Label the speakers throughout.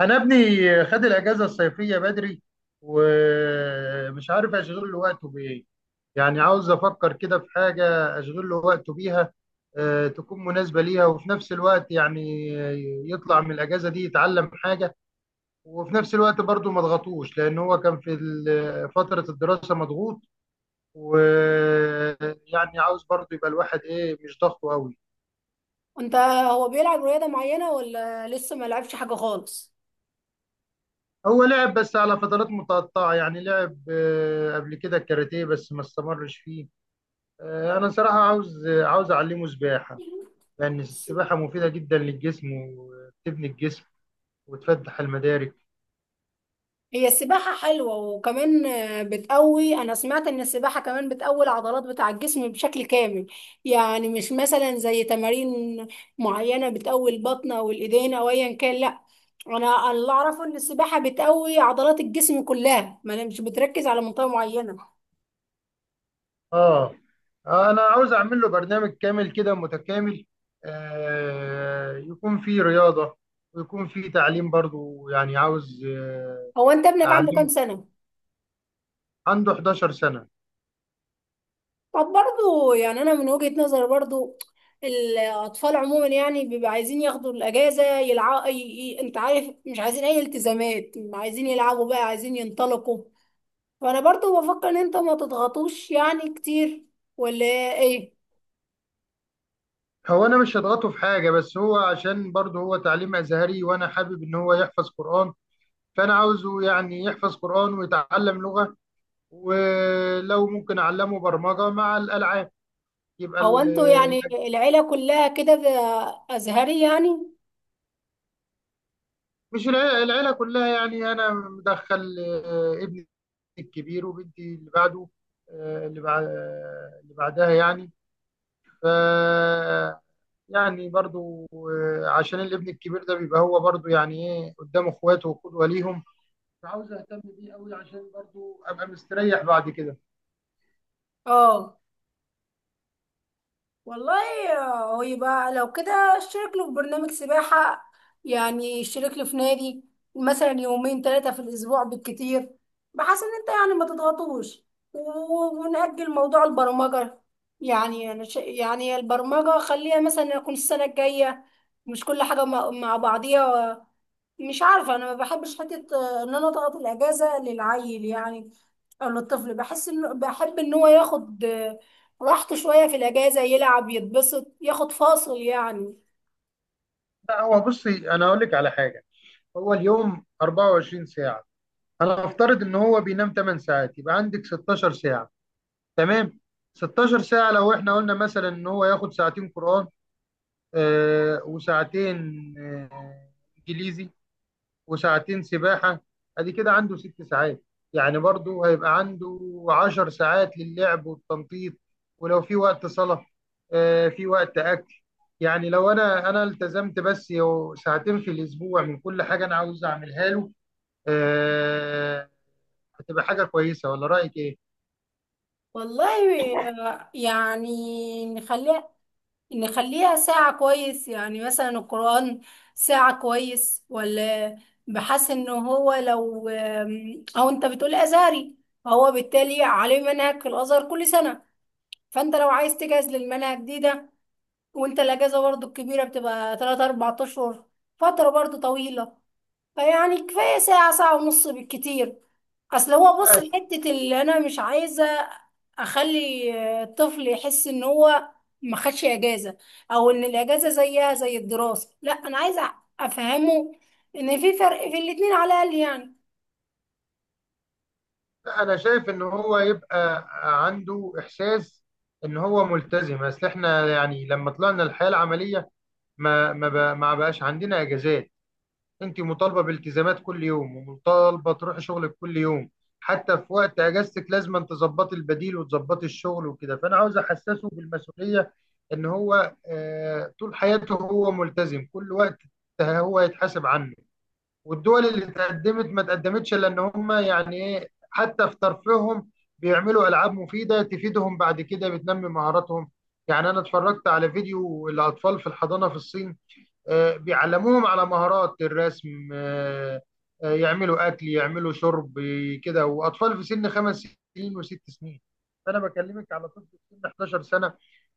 Speaker 1: انا ابني خد الاجازه الصيفيه بدري، ومش عارف اشغل له وقته بايه. يعني عاوز افكر كده في حاجه اشغل له وقته بيها، تكون مناسبه ليها، وفي نفس الوقت يعني يطلع من الاجازه دي يتعلم حاجه، وفي نفس الوقت برضه ما اضغطوش، لان هو كان في فتره الدراسه مضغوط. ويعني عاوز برضه يبقى الواحد ايه، مش ضغطه قوي.
Speaker 2: انت هو بيلعب رياضة معينة ولا لسه ما لعبش حاجة خالص؟
Speaker 1: هو لعب بس على فترات متقطعة، يعني لعب قبل كده الكاراتيه، بس ما استمرش فيه. انا صراحه عاوز اعلمه سباحه، لان السباحه مفيده جدا للجسم، وبتبني الجسم وتفتح المدارك.
Speaker 2: هي السباحة حلوة، وكمان بتقوي. أنا سمعت إن السباحة كمان بتقوي العضلات بتاع الجسم بشكل كامل. يعني مش مثلا زي تمارين معينة بتقوي البطن أو الإيدين أو أيا كان، لأ. أنا اللي أعرفه إن السباحة بتقوي عضلات الجسم كلها، ما أنا مش بتركز على منطقة معينة.
Speaker 1: اه. انا عاوز اعمل له برنامج كامل كده متكامل، يكون فيه رياضه، ويكون فيه تعليم برضو. يعني عاوز
Speaker 2: هو أنت ابنك عنده كام
Speaker 1: اعلمه.
Speaker 2: سنة؟
Speaker 1: عنده 11 سنه.
Speaker 2: طب برضو يعني انا من وجهة نظر، برضو الاطفال عموما يعني بيبقى عايزين ياخدوا الاجازه يلعبوا. انت عارف، مش عايزين اي التزامات، عايزين يلعبوا بقى، عايزين ينطلقوا. فانا برضو بفكر ان انت ما تضغطوش يعني كتير، ولا ايه؟
Speaker 1: هو انا مش هضغطه في حاجه، بس هو عشان برضو هو تعليم ازهري، وانا حابب ان هو يحفظ قران. فانا عاوزه يعني يحفظ قران ويتعلم لغه، ولو ممكن اعلمه برمجه مع الالعاب، يبقى
Speaker 2: هو انتوا يعني
Speaker 1: الأج-
Speaker 2: العيله كلها كده، ازهري يعني؟
Speaker 1: مش العيلة كلها يعني انا مدخل ابني الكبير، وبنتي اللي بعده، آه، اللي بعد اللي بعدها يعني. ف يعني برضو عشان الابن الكبير ده بيبقى هو برضو يعني ايه، قدام اخواته وقدوه ليهم، فعاوز اهتم بيه قوي، عشان برضو ابقى مستريح بعد كده.
Speaker 2: اه، والله. هو يبقى لو كده اشترك له في برنامج سباحة، يعني اشترك له في نادي مثلا يومين ثلاثة في الأسبوع بالكتير، بحيث إن أنت يعني ما تضغطوش. و- ونأجل موضوع البرمجة. يعني يعني البرمجة خليها مثلا يكون السنة الجاية. مش كل حاجة مع بعضيها. مش عارفة، أنا ما بحبش حتة إن أنا أضغط الأجازة للعيل يعني، أو للطفل. بحس إنه بحب إن هو ياخد راحته شوية في الأجازة، يلعب يتبسط ياخد فاصل يعني.
Speaker 1: لا هو بصي، انا اقول لك على حاجه. هو اليوم 24 ساعه، انا افترض ان هو بينام 8 ساعات، يبقى عندك 16 ساعة. تمام. 16 ساعة لو احنا قلنا مثلا ان هو ياخد ساعتين قرآن، وساعتين انجليزي، وساعتين سباحة، ادي كده عنده ست ساعات. يعني برضو هيبقى عنده 10 ساعات للعب والتنطيط. ولو في وقت صلاة، في وقت اكل، يعني لو انا التزمت بس ساعتين في الاسبوع من كل حاجة انا عاوز اعملها له، آه، هتبقى حاجة كويسة، ولا رأيك إيه؟
Speaker 2: والله، يعني نخليها ساعة كويس، يعني مثلا القرآن ساعة كويس ولا... بحس إن هو لو أو أنت بتقول أزهري، فهو بالتالي عليه منهج في الأزهر كل سنة. فأنت لو عايز تجهز للمنهج ده، وانت الاجازه برضو الكبيره بتبقى 3 4 اشهر، فتره برضو طويله. فيعني كفايه ساعه، ساعه ونص بالكتير. اصل هو، بص،
Speaker 1: بس
Speaker 2: الحته اللي انا مش عايزه اخلي الطفل يحس ان هو ما خدش اجازه، او ان الاجازه زيها زي الدراسه. لا، انا عايزه افهمه ان في فرق في الاتنين على الاقل يعني.
Speaker 1: أنا شايف إن هو يبقى عنده إحساس إن هو ملتزم. أصل إحنا يعني لما طلعنا الحياة العملية ما بقاش عندنا إجازات. أنت مطالبة بالتزامات كل يوم، ومطالبة تروحي شغلك كل يوم. حتى في وقت إجازتك لازم أن تظبطي البديل وتظبطي الشغل وكده. فأنا عاوز أحسسه بالمسؤولية، إن هو طول حياته هو ملتزم، كل وقت هو يتحاسب عنه. والدول اللي تقدمت ما تقدمتش الا ان هم يعني ايه، حتى في ترفيههم بيعملوا العاب مفيده تفيدهم بعد كده، بتنمي مهاراتهم. يعني انا اتفرجت على فيديو الاطفال في الحضانه في الصين، بيعلموهم على مهارات الرسم، يعملوا اكل، يعملوا شرب، كده. واطفال في سن خمس سنين وست سنين، فانا بكلمك على طفل في سن 11 سنه.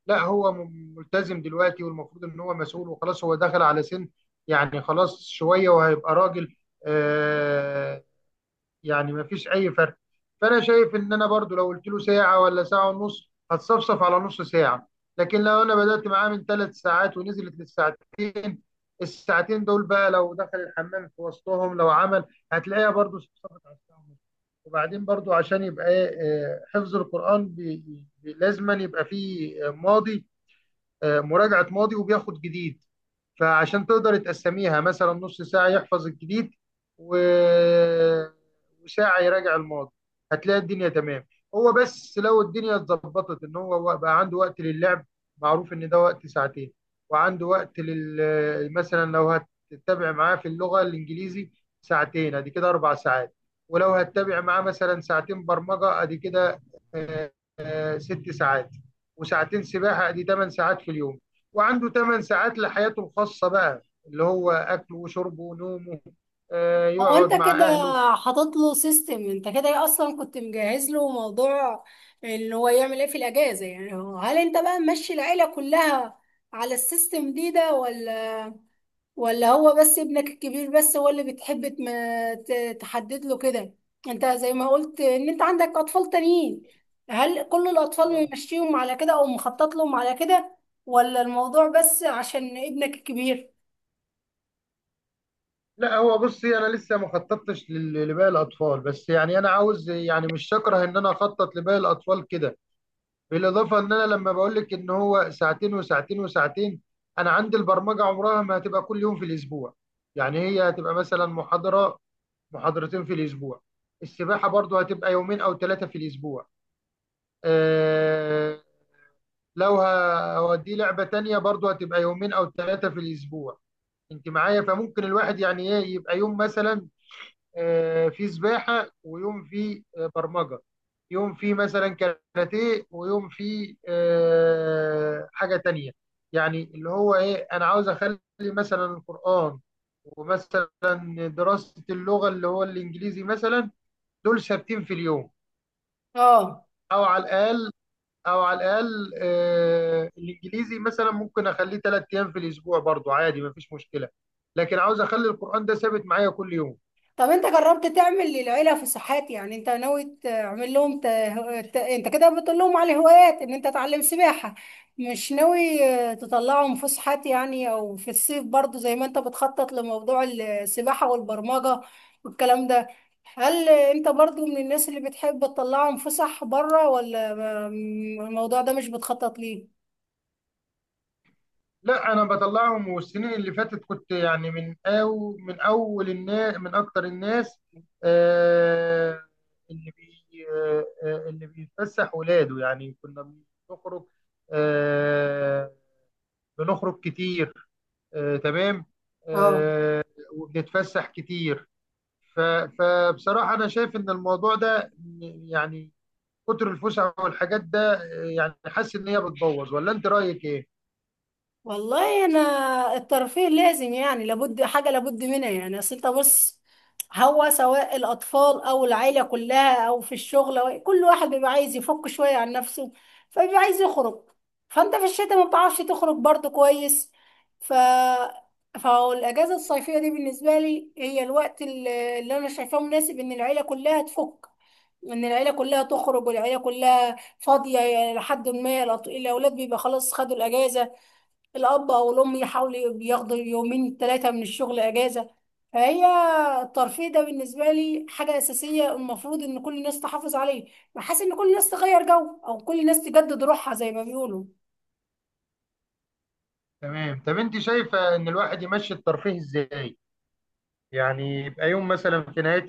Speaker 1: لا هو ملتزم دلوقتي، والمفروض ان هو مسؤول، وخلاص هو دخل على سن يعني خلاص شويه وهيبقى راجل. آه يعني ما فيش اي فرق. فانا شايف ان انا برضو لو قلت له ساعه ولا ساعه ونص هتصفصف على نص ساعه، لكن لو انا بدات معاه من ثلاث ساعات ونزلت للساعتين، الساعتين دول بقى لو دخل الحمام في وسطهم لو عمل، هتلاقيها برضو صفصفت على الساعه ونص. وبعدين برضو عشان يبقى إيه، حفظ القران لازما يبقى فيه ماضي، مراجعه ماضي وبياخد جديد. فعشان تقدر تقسميها مثلا نص ساعة يحفظ الجديد و- وساعة يراجع الماضي، هتلاقي الدنيا تمام. هو بس لو الدنيا اتظبطت ان هو بقى عنده وقت للعب، معروف ان ده وقت ساعتين. وعنده وقت لل، مثلا لو هتتابع معاه في اللغة الانجليزي ساعتين، ادي كده اربع ساعات. ولو هتتابع معاه مثلا ساعتين برمجة، ادي كده آه، ست ساعات، وساعتين سباحة، دي 8 ساعات في اليوم. وعنده 8 ساعات لحياته الخاصة بقى، اللي هو أكله وشربه ونومه،
Speaker 2: هو
Speaker 1: يقعد
Speaker 2: انت
Speaker 1: مع
Speaker 2: كده
Speaker 1: أهله.
Speaker 2: حاطط له سيستم، انت كده اصلا كنت مجهز له موضوع ان هو يعمل ايه في الاجازه. يعني هو، هل انت بقى ماشي العيله كلها على السيستم ده، ولا هو بس ابنك الكبير، بس هو اللي بتحب تحدد له كده؟ انت زي ما قلت ان انت عندك اطفال تانيين، هل كل الاطفال
Speaker 1: آه.
Speaker 2: ممشيهم على كده او مخطط لهم على كده، ولا الموضوع بس عشان ابنك الكبير؟
Speaker 1: لا هو بصي، أنا لسه ما خططتش لباقي الأطفال، بس يعني أنا عاوز، يعني مش شاكره إن أنا أخطط لباقي الأطفال كده. بالإضافة إن أنا لما بقول لك إن هو ساعتين وساعتين وساعتين، أنا عندي البرمجة عمرها ما هتبقى كل يوم في الأسبوع. يعني هي هتبقى مثلا محاضرة محاضرتين في الأسبوع. السباحة برضو هتبقى يومين أو ثلاثة في الأسبوع. آه، لو هوديه لعبة تانية برضو هتبقى يومين أو ثلاثة في الأسبوع، أنت معايا. فممكن الواحد يعني إيه، يبقى يوم مثلا فيه سباحة، ويوم فيه برمجة، يوم فيه مثلا كاراتيه، ويوم فيه حاجة تانية. يعني اللي هو إيه، أنا عاوز أخلي مثلا القرآن، ومثلا دراسة اللغة اللي هو الإنجليزي مثلا، دول ثابتين في اليوم.
Speaker 2: اه.
Speaker 1: او على الاقل، الانجليزي مثلا ممكن اخليه ثلاث ايام في الاسبوع برضو عادي، مفيش مشكله. لكن عاوز اخلي القران ده ثابت معايا كل يوم.
Speaker 2: طب انت جربت تعمل للعيله فسحات؟ يعني انت ناوي تعمل لهم انت كده بتقول لهم على هوايات ان انت تعلم سباحه. مش ناوي تطلعهم فسحات يعني، او في الصيف برضو زي ما انت بتخطط لموضوع السباحه والبرمجه والكلام ده. هل انت برضو من الناس اللي بتحب تطلعهم فسح بره، ولا الموضوع ده مش بتخطط ليه؟
Speaker 1: لا انا بطلعهم، والسنين اللي فاتت كنت يعني من اول الناس، من اكتر الناس آه اللي بي آه آه، اللي بيتفسح ولاده. يعني كنا بنخرج، آه بنخرج كتير، تمام،
Speaker 2: اه،
Speaker 1: آه، وبنتفسح كتير. ف- فبصراحة أنا شايف إن الموضوع ده يعني كتر الفسح والحاجات ده، يعني حاسس إن هي بتبوظ، ولا أنت رأيك إيه؟
Speaker 2: والله. انا الترفيه لازم، يعني لابد، حاجه لابد منها يعني. اصل انت، بص، هو سواء الاطفال او العيله كلها او في الشغل، أو كل واحد بيبقى عايز يفك شويه عن نفسه، فبيبقى عايز يخرج. فانت في الشتاء ما بتعرفش تخرج برضه كويس. ف فالاجازه الصيفيه دي بالنسبه لي هي الوقت اللي انا شايفاه مناسب ان العيله كلها تفك، ان العيله كلها تخرج والعيله كلها فاضيه. لحد ما الاولاد بيبقى خلاص خدوا الاجازه، الأب أو الأم يحاولوا ياخدوا يومين ثلاثة من الشغل أجازة. فهي الترفيه ده بالنسبة لي حاجة أساسية، المفروض إن كل الناس تحافظ عليه. بحس إن كل الناس تغير جو، أو كل الناس تجدد روحها زي ما بيقولوا.
Speaker 1: تمام. طب أنت شايفة إن الواحد يمشي الترفيه إزاي؟ يعني يبقى يوم مثلا في نهاية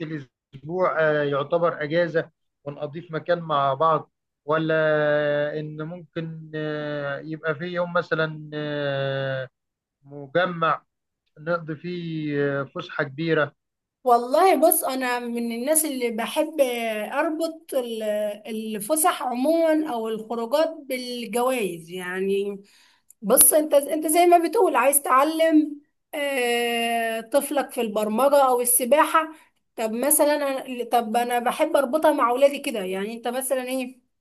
Speaker 1: الأسبوع يعتبر أجازة، ونقضيه في مكان مع بعض، ولا إن ممكن يبقى في يوم مثلا مجمع نقضي فيه فسحة كبيرة.
Speaker 2: والله، بص، أنا من الناس اللي بحب أربط الفسح عموما أو الخروجات بالجوائز يعني. بص انت زي ما بتقول عايز تعلم طفلك في البرمجة او السباحة. طب مثلا طب انا بحب اربطها مع اولادي كده، يعني انت مثلا ايه،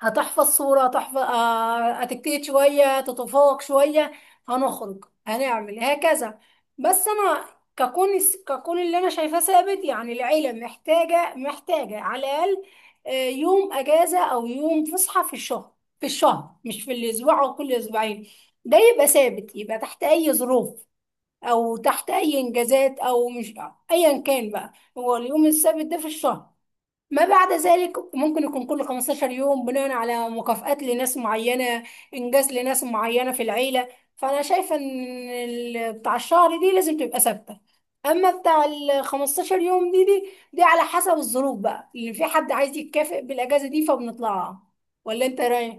Speaker 2: هتحفظ صورة، هتحفظ هتجتهد شوية تتفوق شوية، هنخرج هنعمل هكذا. بس أنا ككون ككون اللي أنا شايفاه ثابت، يعني العيلة محتاجة على الأقل يوم أجازة أو يوم فسحة في الشهر. في الشهر، مش في الأسبوع أو كل أسبوعين. ده يبقى ثابت، يبقى تحت أي ظروف، أو تحت أي إنجازات، أو مش، أيا كان بقى. هو اليوم الثابت ده في الشهر، ما بعد ذلك ممكن يكون كل 15 يوم بناء على مكافآت لناس معينة، إنجاز لناس معينة في العيلة. فأنا شايفة إن بتاع الشهر دي لازم تبقى ثابتة. أما بتاع ال 15 يوم دي على حسب الظروف بقى، اللي في حد عايز يتكافئ بالأجازة دي فبنطلعها، ولا أنت رايح؟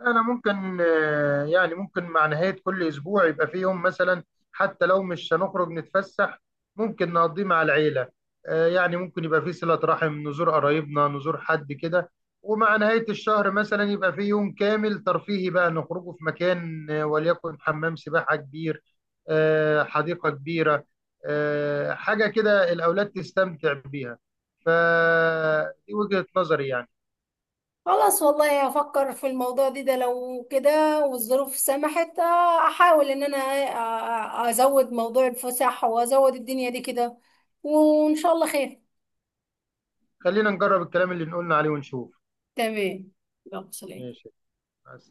Speaker 1: أنا ممكن يعني ممكن مع نهاية كل أسبوع يبقى فيه يوم مثلا، حتى لو مش هنخرج نتفسح ممكن نقضيه مع العيلة. يعني ممكن يبقى فيه صلة رحم، نزور قرايبنا، نزور حد كده. ومع نهاية الشهر مثلا يبقى فيه يوم كامل ترفيهي بقى، نخرجه في مكان، وليكن حمام سباحة كبير، حديقة كبيرة، حاجة كده الأولاد تستمتع بيها. فدي وجهة نظري يعني.
Speaker 2: خلاص، والله هفكر في الموضوع ده لو كده، والظروف سمحت، أحاول إن أنا أزود موضوع الفسح وأزود الدنيا دي كده، وإن شاء الله خير.
Speaker 1: خلينا نجرب الكلام اللي قلنا عليه ونشوف.
Speaker 2: تمام، يلا سلام.
Speaker 1: ماشي، مع السلامة.